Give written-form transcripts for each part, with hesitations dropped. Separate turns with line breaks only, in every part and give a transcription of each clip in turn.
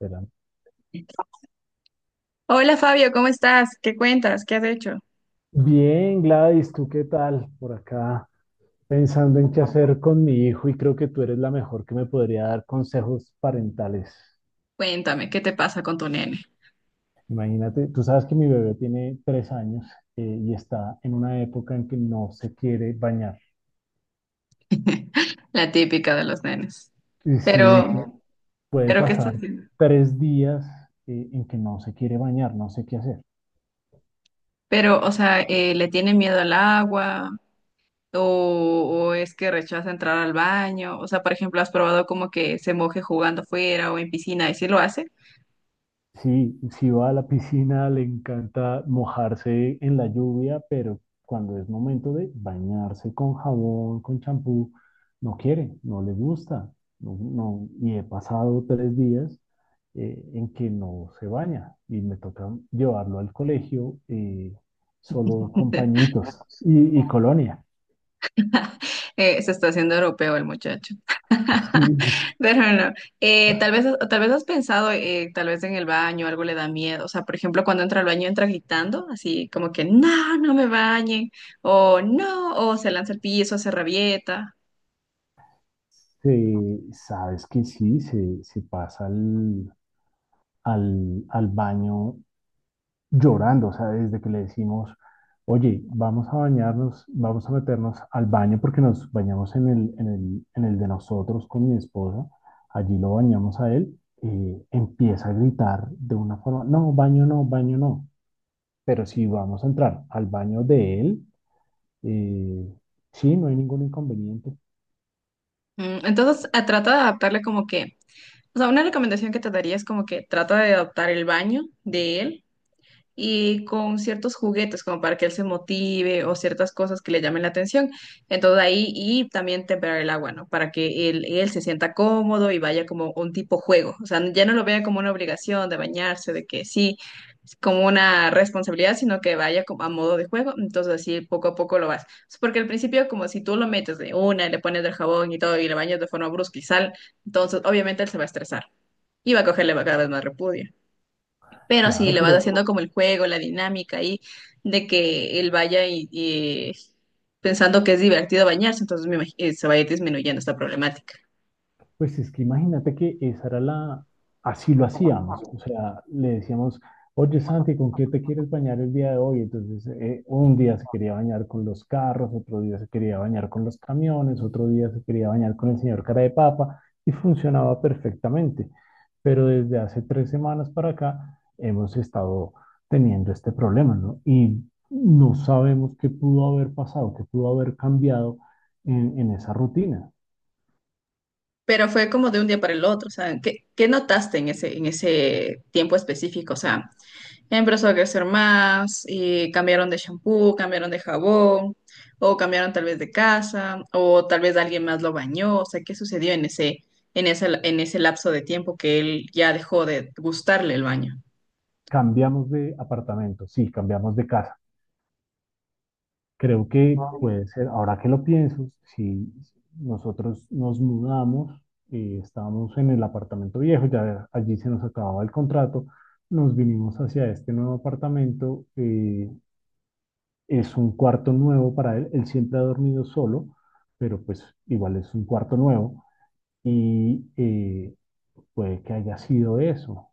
Espera.
Hola Fabio, ¿cómo estás? ¿Qué cuentas? ¿Qué has hecho?
Bien, Gladys, ¿tú qué tal? Por acá pensando en qué hacer con mi hijo y creo que tú eres la mejor que me podría dar consejos parentales.
Cuéntame, ¿qué te pasa con tu nene?
Imagínate, tú sabes que mi bebé tiene 3 años, y está en una época en que no se quiere bañar.
La típica de los nenes.
Y sí,
Pero,
puede
pero, ¿qué estás
pasar
haciendo?
3 días, en que no se quiere bañar, no sé qué hacer.
Pero, o sea, ¿le tiene miedo al agua? ¿O es que rechaza entrar al baño? O sea, por ejemplo, ¿has probado como que se moje jugando afuera o en piscina y si lo hace?
Sí, si va a la piscina, le encanta mojarse en la lluvia, pero cuando es momento de bañarse con jabón, con champú, no quiere, no le gusta. Y he pasado 3 días, en que no se baña y me toca llevarlo al colegio solo con pañitos y, colonia.
Se está haciendo europeo el muchacho.
Sí,
Pero no. Tal vez has pensado, tal vez en el baño algo le da miedo. O sea, por ejemplo, cuando entra al baño entra gritando, así como que no, no me bañen, o no, o se lanza al piso, se rabieta.
sabes que sí, se pasa al baño llorando, o sea, desde que le decimos, oye, vamos a bañarnos, vamos a meternos al baño porque nos bañamos en el de nosotros con mi esposa, allí lo bañamos a él, empieza a gritar de una forma, no, baño no, baño no, pero si vamos a entrar al baño de él, eh, sí, no hay ningún inconveniente,
Mm, entonces, trata de adaptarle como que, o sea, una recomendación que te daría es como que trata de adaptar el baño de él y con ciertos juguetes como para que él se motive o ciertas cosas que le llamen la atención. Entonces ahí y también temperar el agua, ¿no? Para que él se sienta cómodo y vaya como un tipo juego. O sea, ya no lo vea como una obligación de bañarse, de que sí, es como una responsabilidad, sino que vaya como a modo de juego. Entonces así poco a poco lo vas. Es porque al principio, como si tú lo metes de una, le pones del jabón y todo y le bañas de forma brusca y sal, entonces obviamente él se va a estresar y va a cogerle cada vez más repudio. Pero si
claro,
le vas
pero
haciendo como el juego, la dinámica ahí, de que él vaya y pensando que es divertido bañarse, entonces se va a ir disminuyendo esta problemática.
pues es que imagínate que esa era así lo hacíamos, o sea, le decíamos, oye Santi, ¿con qué te quieres bañar el día de hoy? Entonces, un día se quería bañar con los carros, otro día se quería bañar con los camiones, otro día se quería bañar con el señor cara de papa y funcionaba perfectamente. Pero desde hace 3 semanas para acá hemos estado teniendo este problema, ¿no? Y no sabemos qué pudo haber pasado, qué pudo haber cambiado en esa rutina.
Pero fue como de un día para el otro, o sea, ¿qué notaste en ese tiempo específico? O sea, empezó a crecer más, y cambiaron de shampoo, cambiaron de jabón, o cambiaron tal vez de casa, o tal vez alguien más lo bañó, o sea, ¿qué sucedió en ese, en ese lapso de tiempo que él ya dejó de gustarle el baño?
Cambiamos de apartamento, sí, cambiamos de casa. Creo que puede ser, ahora que lo pienso, si nosotros nos mudamos, estábamos en el apartamento viejo, ya allí se nos acababa el contrato, nos vinimos hacia este nuevo apartamento, es un cuarto nuevo para él, él siempre ha dormido solo, pero pues igual es un cuarto nuevo y puede que haya sido eso.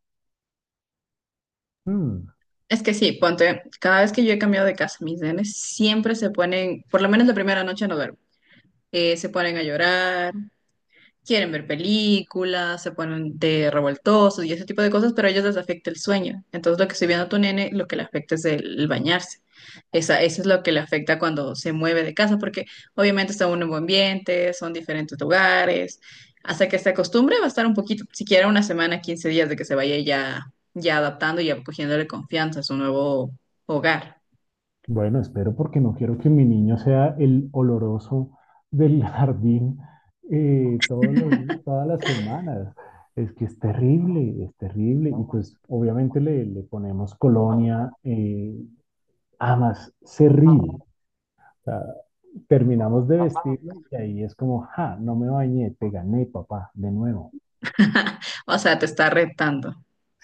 Mm.
Es que sí, ponte, cada vez que yo he cambiado de casa, mis nenes siempre se ponen, por lo menos la primera noche no duermo, se ponen a llorar. Quieren ver películas, se ponen de revoltosos y ese tipo de cosas, pero a ellos les afecta el sueño. Entonces, lo que estoy viendo a tu nene, lo que le afecta es el bañarse. Esa, eso es lo que le afecta cuando se mueve de casa, porque obviamente está en un nuevo ambiente, son diferentes lugares. Hasta que se acostumbre, va a estar un poquito, siquiera una semana, 15 días de que se vaya ya, ya adaptando y ya cogiéndole confianza a su nuevo hogar.
Bueno, espero porque no quiero que mi niño sea el oloroso del jardín eh, todos los- todas las semanas. Es que es terrible, es terrible. Y pues obviamente le, le ponemos colonia, amas, cerril. O sea, terminamos de vestirlo y ahí es como, ja, no me bañé, te gané, papá, de nuevo.
O sea, te está retando.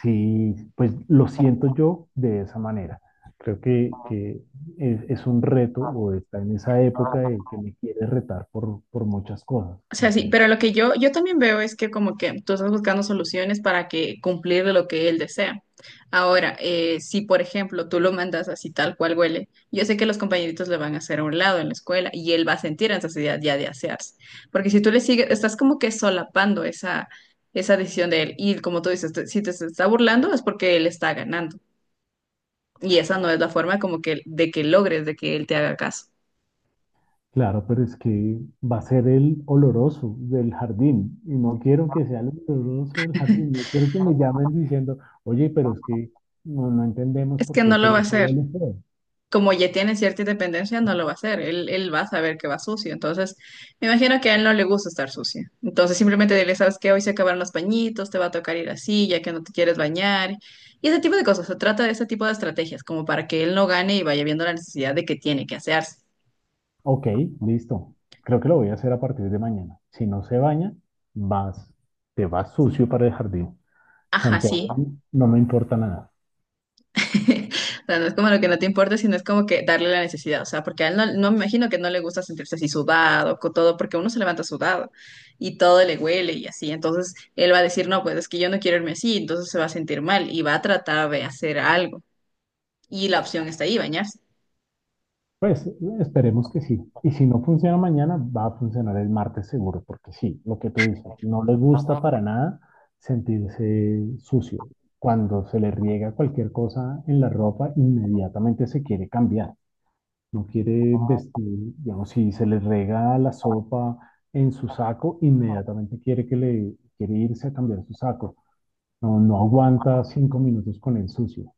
Sí, pues lo siento yo de esa manera. Creo que es un reto o está en esa época de que me quiere retar por muchas cosas.
O sea, sí,
Entonces,
pero lo que yo también veo es que como que tú estás buscando soluciones para que cumplir lo que él desea. Ahora, si por ejemplo tú lo mandas así tal cual huele, yo sé que los compañeritos le van a hacer a un lado en la escuela y él va a sentir esa necesidad ya de asearse. Porque si tú le sigues, estás como que solapando esa, esa decisión de él. Y como tú dices, si te se está burlando es porque él está ganando. Y esa no es la forma como que de que logres de que él te haga caso.
claro, pero es que va a ser el oloroso del jardín y no quiero que sea el oloroso del jardín. No quiero que me llamen diciendo, oye, pero es que no, no entendemos
Es
por
que
qué
no
tu
lo va a
hijo
hacer.
huele feo".
Como ya tiene cierta independencia, no lo va a hacer. Él va a saber que va sucio. Entonces, me imagino que a él no le gusta estar sucio. Entonces, simplemente dile, sabes qué, hoy se acabaron los pañitos, te va a tocar ir así, ya que no te quieres bañar. Y ese tipo de cosas. Se trata de ese tipo de estrategias, como para que él no gane y vaya viendo la necesidad de que tiene que hacerse.
Ok, listo. Creo que lo voy a hacer a partir de mañana. Si no se baña, vas, te vas sucio para el jardín.
Ajá,
Santiago
sí.
no me importa nada.
O sea, no es como lo que no te importa, sino es como que darle la necesidad. O sea, porque a él no me imagino que no le gusta sentirse así sudado, con todo, porque uno se levanta sudado y todo le huele y así. Entonces él va a decir, no, pues es que yo no quiero irme así, entonces se va a sentir mal y va a tratar de hacer algo. Y la opción está ahí, bañarse.
Pues esperemos que sí. Y si no funciona mañana, va a funcionar el martes seguro, porque sí, lo que tú dices, no le gusta para nada sentirse sucio. Cuando se le riega cualquier cosa en la ropa, inmediatamente se quiere cambiar. No quiere vestir, digamos, si se le rega la sopa en su saco, inmediatamente quiere que le quiere irse a cambiar su saco. No, no aguanta 5 minutos con el sucio.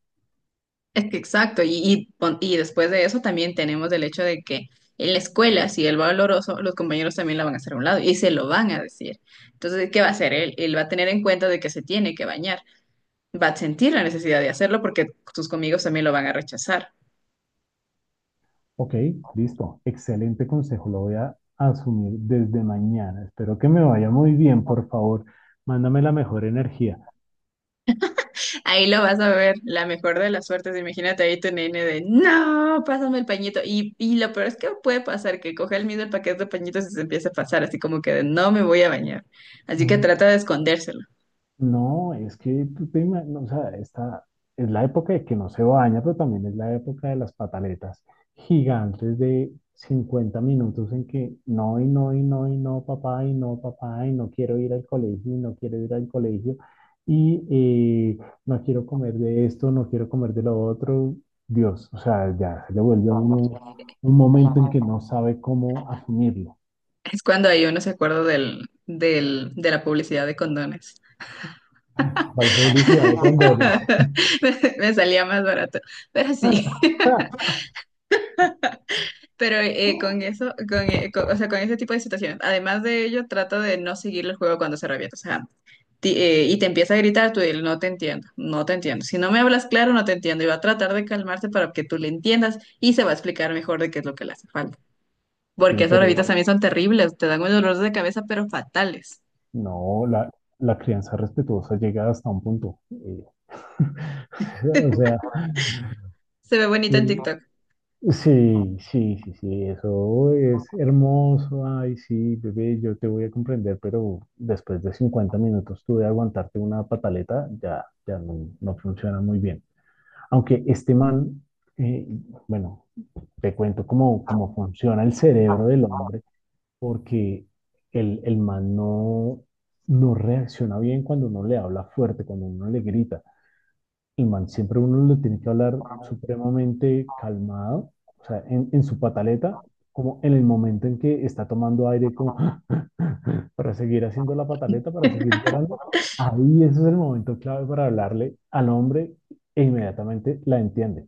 Es que exacto, y después de eso también tenemos el hecho de que en la escuela, si él va oloroso, los compañeros también la van a hacer a un lado y se lo van a decir. Entonces, ¿qué va a hacer él? Él va a tener en cuenta de que se tiene que bañar, va a sentir la necesidad de hacerlo porque tus amigos también lo van a rechazar.
Ok, listo. Excelente consejo. Lo voy a asumir desde mañana. Espero que me vaya muy bien, por favor. Mándame la mejor energía.
Ahí lo vas a ver, la mejor de las suertes. Imagínate ahí tu nene de, no, pásame el pañito. Y lo peor es que puede pasar que coge el mismo el paquete de pañitos y se empiece a pasar, así como que de, no me voy a bañar. Así que trata de escondérselo.
No, es que no, o sea, esta es la época de que no se baña, pero también es la época de las pataletas gigantes de 50 minutos en que no y no y no y no, papá y no, papá y no quiero ir al colegio y no quiero ir al colegio y no quiero comer de esto, no quiero comer de lo otro. Dios, o sea, ya se le vuelve a uno un momento en que no sabe cómo asumirlo.
Es cuando ahí uno se acuerda de la publicidad de condones.
Valgo de cuando
Me salía más barato, pero sí. Pero con eso, o sea, con ese tipo de situaciones, además de ello, trata de no seguir el juego cuando se revienta. O sea, y te empieza a gritar, tú dile, no te entiendo, no te entiendo. Si no me hablas claro, no te entiendo. Y va a tratar de calmarse para que tú le entiendas y se va a explicar mejor de qué es lo que le hace falta.
sí,
Porque esas
pero
revistas también son terribles, te dan unos dolores de cabeza, pero fatales.
no, la crianza respetuosa llega hasta un punto. O sea,
Se ve bonita en
eh,
TikTok.
sí, sí, sí, sí, eso es hermoso. Ay, sí, bebé, yo te voy a comprender, pero después de 50 minutos tú de aguantarte una pataleta, ya, ya no, no funciona muy bien. Aunque este man, eh, bueno, te cuento cómo, cómo funciona el cerebro del hombre, porque el man no, no reacciona bien cuando uno le habla fuerte, cuando uno le grita. Y man, siempre uno lo tiene que hablar supremamente calmado, o sea, en su pataleta, como en el momento en que está tomando aire, como para seguir haciendo la pataleta, para seguir llorando. Ahí ese es el momento clave para hablarle al hombre e inmediatamente la entiende.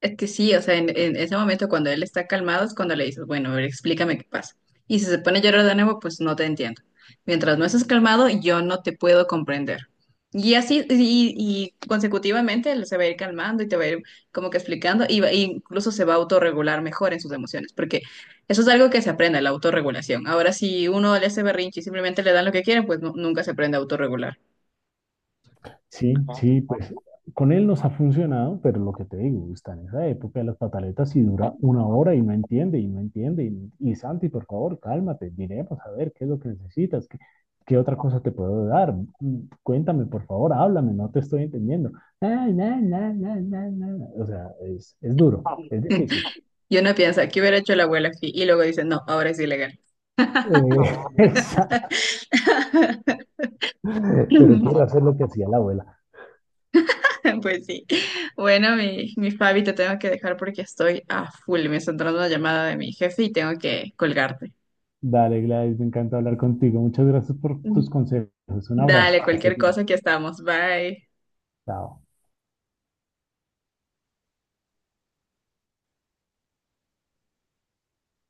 Es que sí, o sea, en ese momento cuando él está calmado es cuando le dices, bueno, a ver, explícame qué pasa. Y si se pone a llorar de nuevo, pues no te entiendo. Mientras no estés calmado, yo no te puedo comprender. Y así, y consecutivamente él se va a ir calmando y te va a ir como que explicando, y e incluso se va a autorregular mejor en sus emociones, porque eso es algo que se aprende, la autorregulación. Ahora, si uno le hace berrinche y simplemente le dan lo que quieren, nunca se aprende a autorregular.
Sí, sí, pues con él nos ha funcionado, pero lo que te digo, está en esa época de las pataletas y dura 1 hora y no entiende y no entiende. Y Santi, por favor, cálmate, miremos a ver qué es lo que necesitas, qué, qué otra cosa te puedo dar. Mm, cuéntame, por favor, háblame, no te estoy entendiendo. Ah, na, na, na, na, na. O sea, es duro, es difícil.
Y uno piensa, ¿qué hubiera hecho la abuela aquí? Y luego dice, no, ahora es ilegal.
Eh, exa- pero quiero hacer lo que hacía la abuela.
Pues sí. Bueno, mi Fabi, te tengo que dejar porque estoy a full. Me está entrando una llamada de mi jefe y tengo que colgarte.
Dale, Gladys, me encanta hablar contigo. Muchas gracias por tus consejos. Un abrazo,
Dale,
que estés
cualquier
bien.
cosa, que estamos. Bye.
Chao.